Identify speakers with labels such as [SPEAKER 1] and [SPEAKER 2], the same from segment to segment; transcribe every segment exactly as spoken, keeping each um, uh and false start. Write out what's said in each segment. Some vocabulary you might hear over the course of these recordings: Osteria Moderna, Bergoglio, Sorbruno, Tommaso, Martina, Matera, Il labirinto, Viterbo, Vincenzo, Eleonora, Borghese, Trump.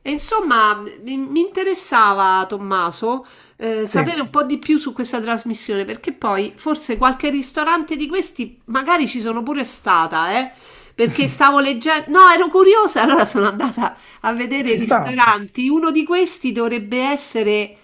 [SPEAKER 1] E insomma, mi mi interessava, Tommaso, eh, sapere
[SPEAKER 2] Sì,
[SPEAKER 1] un po' di più su questa trasmissione, perché poi forse qualche ristorante di questi magari ci sono pure stata, eh, perché stavo leggendo... No, ero curiosa, allora sono andata a vedere i
[SPEAKER 2] ci sta.
[SPEAKER 1] ristoranti. Uno di questi dovrebbe essere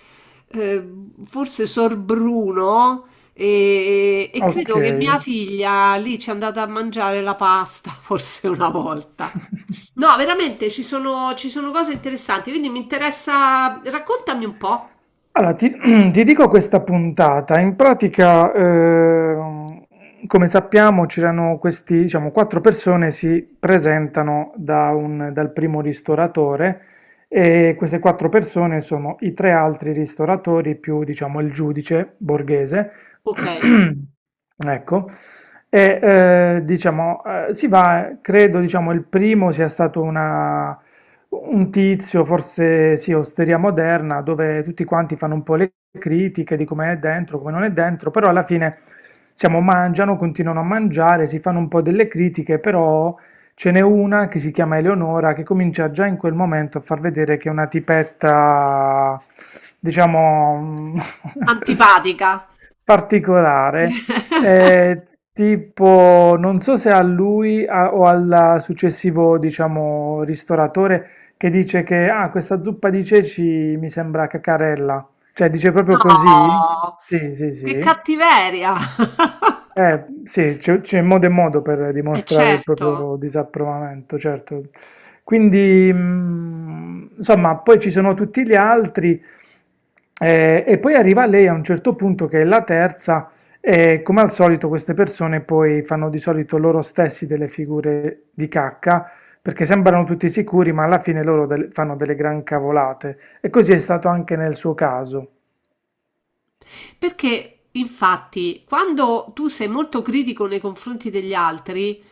[SPEAKER 1] eh, forse Sorbruno e, e credo che mia
[SPEAKER 2] Okay.
[SPEAKER 1] figlia lì ci è andata a mangiare la pasta, forse una volta. No, veramente ci sono, ci sono cose interessanti, quindi mi interessa. Raccontami un po'.
[SPEAKER 2] Allora ti ti dico questa puntata. In pratica, ehm, come sappiamo c'erano questi, diciamo, quattro persone si presentano da un dal primo ristoratore e queste quattro persone sono i tre altri ristoratori più, diciamo, il giudice Borghese.
[SPEAKER 1] Ok,
[SPEAKER 2] Ecco. E, ehm, diciamo, ehm, si va credo, diciamo, il primo sia stato una un tizio, forse sì, Osteria Moderna, dove tutti quanti fanno un po' le critiche di come è dentro, come non è dentro, però alla fine siamo, mangiano, continuano a mangiare, si fanno un po' delle critiche, però ce n'è una che si chiama Eleonora che comincia già in quel momento a far vedere che è una tipetta, diciamo, mm,
[SPEAKER 1] antipatica.
[SPEAKER 2] particolare. Eh, Tipo, non so se a lui a- o al successivo, diciamo, ristoratore che dice che ah, questa zuppa di ceci mi sembra caccarella. Cioè, dice proprio così?
[SPEAKER 1] No,
[SPEAKER 2] Sì, sì,
[SPEAKER 1] che
[SPEAKER 2] sì.
[SPEAKER 1] cattiveria!
[SPEAKER 2] Eh, sì, c'è c'è modo e modo per
[SPEAKER 1] E
[SPEAKER 2] dimostrare il
[SPEAKER 1] certo.
[SPEAKER 2] proprio disapprovamento, certo. Quindi, mh, insomma, poi ci sono tutti gli altri, eh, e poi arriva lei a un certo punto che è la terza, e come al solito queste persone poi fanno di solito loro stessi delle figure di cacca, perché sembrano tutti sicuri, ma alla fine loro del- fanno delle gran cavolate. E così è stato anche nel suo caso.
[SPEAKER 1] Perché infatti quando tu sei molto critico nei confronti degli altri,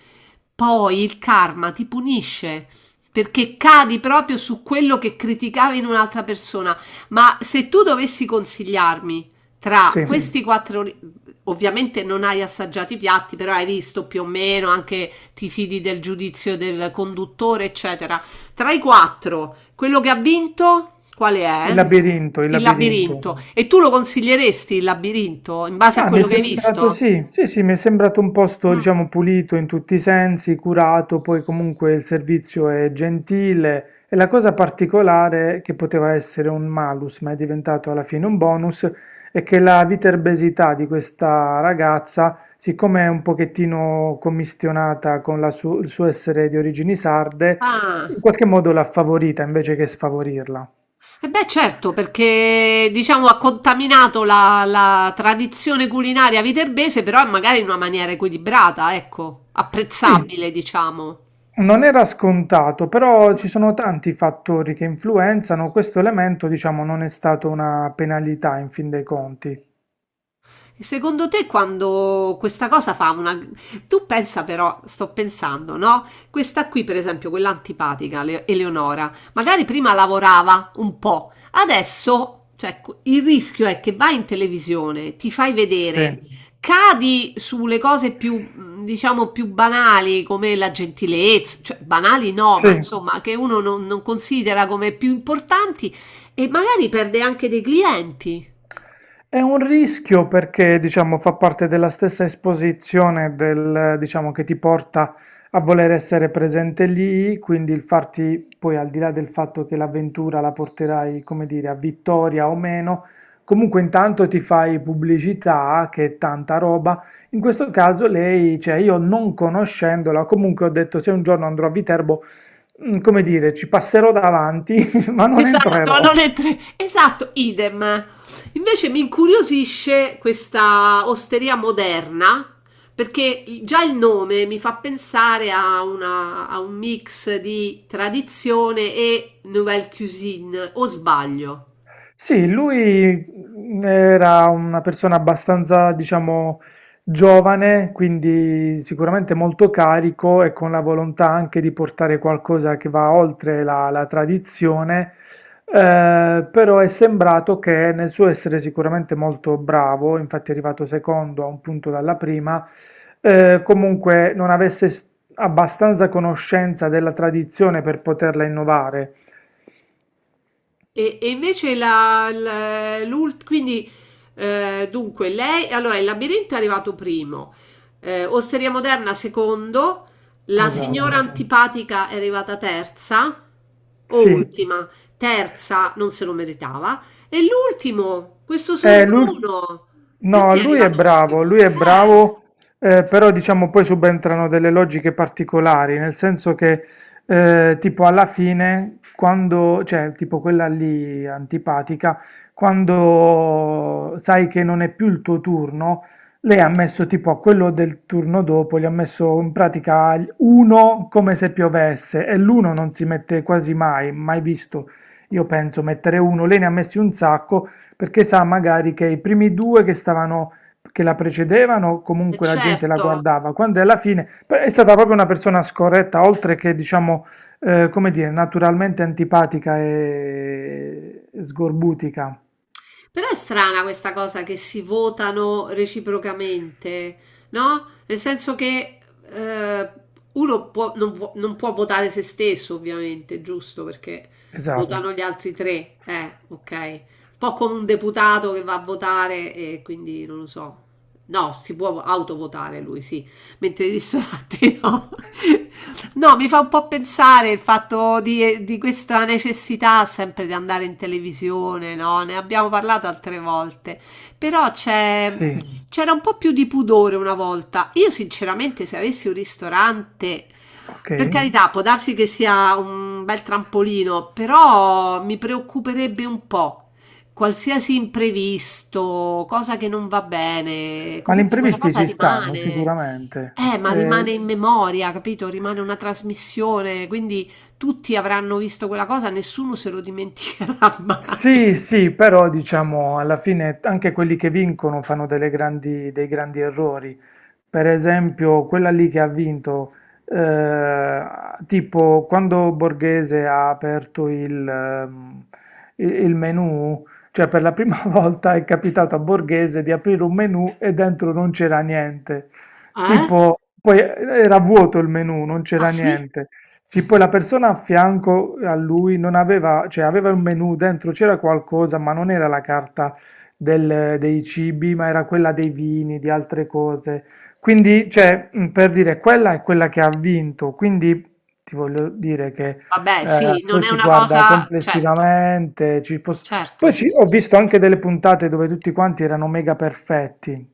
[SPEAKER 1] poi il karma ti punisce. Perché cadi proprio su quello che criticavi in un'altra persona. Ma se tu dovessi consigliarmi tra
[SPEAKER 2] Sì,
[SPEAKER 1] Sì. questi quattro, ri- ovviamente non hai assaggiato i piatti, però hai visto più o meno, anche ti fidi del giudizio del conduttore, eccetera. Tra i quattro, quello che ha vinto, quale
[SPEAKER 2] il
[SPEAKER 1] è?
[SPEAKER 2] labirinto, il
[SPEAKER 1] Il
[SPEAKER 2] labirinto.
[SPEAKER 1] labirinto. E tu lo consiglieresti il labirinto in base a
[SPEAKER 2] Ah, mi è
[SPEAKER 1] quello che hai
[SPEAKER 2] sembrato,
[SPEAKER 1] visto?
[SPEAKER 2] sì, sì, sì, mi è sembrato un posto,
[SPEAKER 1] Mm.
[SPEAKER 2] diciamo, pulito in tutti i sensi, curato, poi comunque il servizio è gentile e la cosa particolare che poteva essere un malus, ma è diventato alla fine un bonus, è che la viterbesità di questa ragazza, siccome è un pochettino commistionata con la su- il suo essere di origini sarde,
[SPEAKER 1] Ah,
[SPEAKER 2] in qualche modo l'ha favorita invece che sfavorirla.
[SPEAKER 1] e beh, certo, perché diciamo ha contaminato la, la tradizione culinaria viterbese, però magari in una maniera equilibrata, ecco,
[SPEAKER 2] Sì,
[SPEAKER 1] apprezzabile, diciamo.
[SPEAKER 2] non era scontato, però ci sono tanti fattori che influenzano, questo elemento, diciamo, non è stato una penalità in fin dei conti.
[SPEAKER 1] E secondo te quando questa cosa fa una... Tu pensa però, sto pensando, no? Questa qui, per esempio, quella antipatica, Le- Eleonora, magari prima lavorava un po', adesso, cioè, il rischio è che vai in televisione, ti fai
[SPEAKER 2] Sì,
[SPEAKER 1] vedere, cadi sulle cose più, diciamo, più banali, come la gentilezza, cioè banali no, ma
[SPEAKER 2] sì.
[SPEAKER 1] insomma, che uno non, non considera come più importanti e magari perde anche dei clienti.
[SPEAKER 2] È un rischio perché, diciamo, fa parte della stessa esposizione del, diciamo, che ti porta a voler essere presente lì, quindi il farti, poi al di là del fatto che l'avventura la porterai, come dire, a vittoria o meno, comunque intanto ti fai pubblicità, che è tanta roba. In questo caso lei, cioè io non conoscendola, comunque ho detto se un giorno andrò a Viterbo, mm, come dire, ci passerò davanti, ma non
[SPEAKER 1] Esatto,
[SPEAKER 2] entrerò.
[SPEAKER 1] non è tre- esatto, idem. Invece mi incuriosisce questa osteria moderna perché il- già il nome mi fa pensare a, una- a un mix di tradizione e nouvelle cuisine, o sbaglio?
[SPEAKER 2] Sì, lui mh, era una persona abbastanza, diciamo, giovane, quindi sicuramente molto carico e con la volontà anche di portare qualcosa che va oltre la, la tradizione, eh, però è sembrato che nel suo essere sicuramente molto bravo, infatti è arrivato secondo a un punto dalla prima, eh, comunque non avesse s- abbastanza conoscenza della tradizione per poterla innovare.
[SPEAKER 1] E, e invece la, la- l'ult- quindi eh, dunque lei, allora il labirinto è arrivato primo, eh, Osteria Moderna secondo, la signora
[SPEAKER 2] Esatto,
[SPEAKER 1] antipatica è arrivata terza o
[SPEAKER 2] sì.
[SPEAKER 1] ultima, terza non se lo meritava e l'ultimo, questo
[SPEAKER 2] Eh, l'ul-
[SPEAKER 1] Sorbruno,
[SPEAKER 2] no,
[SPEAKER 1] perché è
[SPEAKER 2] lui è
[SPEAKER 1] arrivato
[SPEAKER 2] bravo,
[SPEAKER 1] ultimo?
[SPEAKER 2] lui è
[SPEAKER 1] Eh,
[SPEAKER 2] bravo, eh, però diciamo poi subentrano delle logiche particolari, nel senso che eh, tipo alla fine, quando, cioè tipo quella lì antipatica, quando sai che non è più il tuo turno, lei ha messo tipo a quello del turno dopo, gli ha messo in pratica uno come se piovesse e l'uno non si mette quasi mai, mai visto, io penso, mettere uno, lei ne ha messi un sacco. Perché sa magari che i primi due che stavano, che la precedevano,
[SPEAKER 1] eh,
[SPEAKER 2] comunque la gente la
[SPEAKER 1] certo.
[SPEAKER 2] guardava, quando alla fine beh, è stata proprio una persona scorretta, oltre che diciamo, eh, come dire, naturalmente antipatica e e sgorbutica.
[SPEAKER 1] Però è strana questa cosa che si votano reciprocamente, no? Nel senso che eh, uno può- non può, non può votare se stesso, ovviamente, giusto? Perché
[SPEAKER 2] Esatto.
[SPEAKER 1] votano gli altri tre, eh, ok. Un po' come un deputato che va a votare e quindi non lo so. No, si può autovotare lui, sì, mentre i ristoranti no. No, mi fa un po' pensare il fatto di, di questa necessità sempre di andare in televisione, no? Ne abbiamo parlato altre volte, però c'è,
[SPEAKER 2] Sì,
[SPEAKER 1] c'era un po' più di pudore una volta. Io sinceramente se avessi un ristorante,
[SPEAKER 2] ok.
[SPEAKER 1] per carità, può darsi che sia un bel trampolino, però mi preoccuperebbe un po'. Qualsiasi imprevisto, cosa che non va bene,
[SPEAKER 2] Ma gli
[SPEAKER 1] comunque quella
[SPEAKER 2] imprevisti
[SPEAKER 1] cosa
[SPEAKER 2] ci stanno
[SPEAKER 1] rimane.
[SPEAKER 2] sicuramente.
[SPEAKER 1] Eh, ma rimane
[SPEAKER 2] Eh,
[SPEAKER 1] in memoria, capito? Rimane una trasmissione, quindi tutti avranno visto quella cosa, nessuno se lo dimenticherà mai.
[SPEAKER 2] Sì, sì, però diciamo alla fine anche quelli che vincono fanno delle grandi- dei grandi errori. Per esempio, quella lì che ha vinto, eh, tipo quando Borghese ha aperto il, ehm, il- il menu, cioè per la prima volta è capitato a Borghese di aprire un menu e dentro non c'era niente.
[SPEAKER 1] Eh?
[SPEAKER 2] Tipo, poi era vuoto il menu, non
[SPEAKER 1] Ah
[SPEAKER 2] c'era
[SPEAKER 1] sì?
[SPEAKER 2] niente. Sì, poi la persona a fianco a lui non aveva, cioè aveva un menù dentro, c'era qualcosa, ma non era la carta del- dei cibi, ma era quella dei vini, di altre cose. Quindi, cioè, mh, per dire, quella è quella che ha vinto. Quindi ti voglio dire che
[SPEAKER 1] Vabbè,
[SPEAKER 2] eh,
[SPEAKER 1] sì, non
[SPEAKER 2] poi
[SPEAKER 1] è
[SPEAKER 2] si
[SPEAKER 1] una
[SPEAKER 2] guarda
[SPEAKER 1] cosa... Certo,
[SPEAKER 2] complessivamente. ci poss-
[SPEAKER 1] certo,
[SPEAKER 2] Poi
[SPEAKER 1] sì,
[SPEAKER 2] ci-
[SPEAKER 1] sì,
[SPEAKER 2] ho
[SPEAKER 1] sì.
[SPEAKER 2] visto anche delle puntate dove tutti quanti erano mega perfetti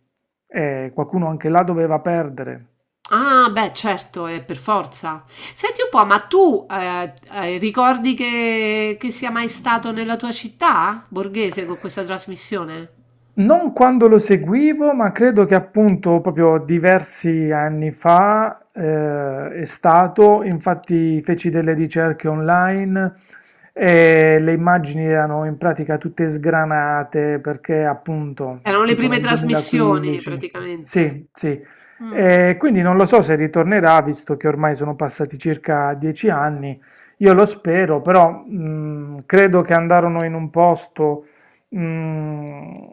[SPEAKER 2] e qualcuno anche là doveva perdere.
[SPEAKER 1] Ah, beh, certo, è per forza. Senti un po', ma tu eh, eh, ricordi che, che sia mai stato nella tua città, Borghese, con questa trasmissione?
[SPEAKER 2] Non quando lo seguivo, ma credo che appunto proprio diversi anni fa eh, è stato, infatti feci delle ricerche online e le immagini erano in pratica tutte sgranate perché appunto
[SPEAKER 1] Erano le
[SPEAKER 2] tipo
[SPEAKER 1] prime
[SPEAKER 2] nel
[SPEAKER 1] trasmissioni,
[SPEAKER 2] duemilaquindici,
[SPEAKER 1] praticamente.
[SPEAKER 2] sì, sì,
[SPEAKER 1] Mm.
[SPEAKER 2] e quindi non lo so se ritornerà visto che ormai sono passati circa dieci anni, io lo spero, però mm, credo che andarono in un posto. Mm,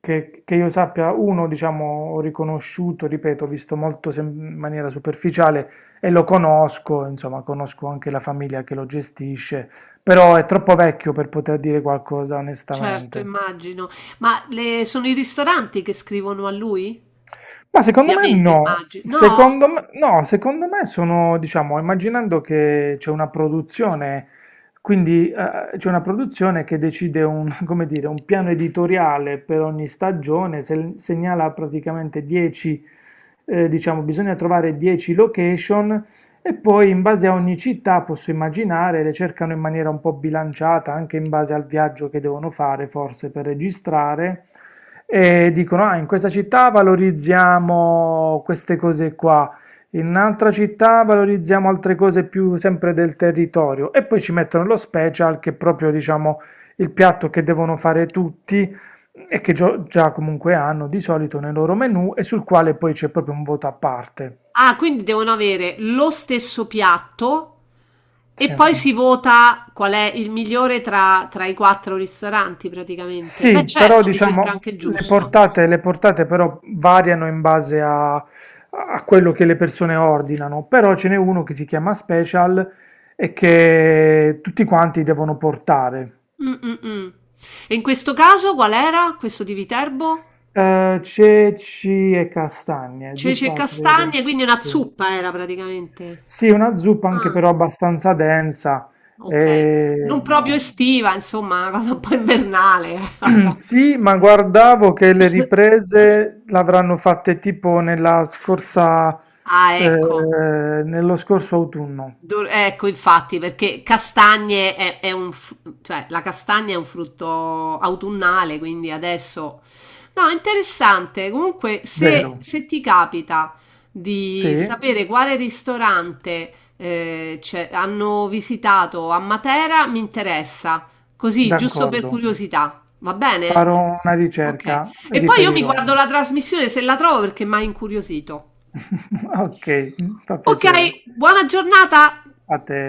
[SPEAKER 2] che, che io sappia, uno, diciamo, ho riconosciuto, ripeto, ho visto molto sem- in maniera superficiale e lo conosco, insomma, conosco anche la famiglia che lo gestisce, però è troppo vecchio per poter dire qualcosa
[SPEAKER 1] Certo,
[SPEAKER 2] onestamente.
[SPEAKER 1] immagino. Ma le- sono i ristoranti che scrivono a lui?
[SPEAKER 2] Ma secondo me
[SPEAKER 1] Ovviamente,
[SPEAKER 2] no,
[SPEAKER 1] immagino. No?
[SPEAKER 2] secondo me, no, secondo me sono, diciamo, immaginando che c'è una produzione, quindi eh, c'è una produzione che decide un, come dire, un piano editoriale per ogni stagione, se- segnala praticamente dieci, eh, diciamo, bisogna trovare dieci location e poi in base a ogni città posso immaginare le cercano in maniera un po' bilanciata, anche in base al viaggio che devono fare, forse per registrare, e dicono: Ah, in questa città valorizziamo queste cose qua, in un'altra città valorizziamo altre cose più sempre del territorio, e poi ci mettono lo special che è proprio, diciamo, il piatto che devono fare tutti. E che gio- già comunque hanno di solito nel loro menu e sul quale poi c'è proprio un voto a parte.
[SPEAKER 1] Ah, quindi devono avere lo stesso piatto e
[SPEAKER 2] Sì.
[SPEAKER 1] poi si vota qual è il migliore tra, tra i quattro ristoranti, praticamente. Beh,
[SPEAKER 2] Sì, però
[SPEAKER 1] certo, mi sembra
[SPEAKER 2] diciamo
[SPEAKER 1] anche
[SPEAKER 2] le
[SPEAKER 1] giusto.
[SPEAKER 2] portate, le portate però variano in base a, a quello che le persone ordinano, però ce n'è uno che si chiama Special e che tutti quanti devono portare.
[SPEAKER 1] Mm, mm, mm. E in questo caso qual era questo di Viterbo?
[SPEAKER 2] Eh, ceci e castagne,
[SPEAKER 1] Ceci e
[SPEAKER 2] zuppa
[SPEAKER 1] castagne,
[SPEAKER 2] credo,
[SPEAKER 1] quindi una
[SPEAKER 2] sì.
[SPEAKER 1] zuppa era praticamente.
[SPEAKER 2] Sì, una zuppa anche
[SPEAKER 1] Ah.
[SPEAKER 2] però abbastanza densa.
[SPEAKER 1] Okay.
[SPEAKER 2] E,
[SPEAKER 1] Non proprio
[SPEAKER 2] no.
[SPEAKER 1] estiva, insomma, una cosa un po' invernale. Vabbè.
[SPEAKER 2] Sì, ma guardavo che le riprese l'avranno fatte tipo nella scorsa,
[SPEAKER 1] Ah,
[SPEAKER 2] eh,
[SPEAKER 1] ecco.
[SPEAKER 2] nello scorso autunno,
[SPEAKER 1] Dor- Ecco, infatti, perché castagne è, è un, fr- cioè, la castagna è un frutto autunnale, quindi adesso... No, interessante. Comunque, se,
[SPEAKER 2] vero?
[SPEAKER 1] se ti capita
[SPEAKER 2] Sì,
[SPEAKER 1] di sapere quale ristorante eh, cioè, hanno visitato a Matera, mi interessa. Così, giusto per
[SPEAKER 2] d'accordo.
[SPEAKER 1] curiosità. Va bene?
[SPEAKER 2] Farò una
[SPEAKER 1] Ok.
[SPEAKER 2] ricerca,
[SPEAKER 1] E poi io mi
[SPEAKER 2] riferirò.
[SPEAKER 1] guardo la trasmissione se la trovo perché mi ha incuriosito.
[SPEAKER 2] Ok, fa
[SPEAKER 1] Ok,
[SPEAKER 2] piacere.
[SPEAKER 1] buona giornata.
[SPEAKER 2] A te.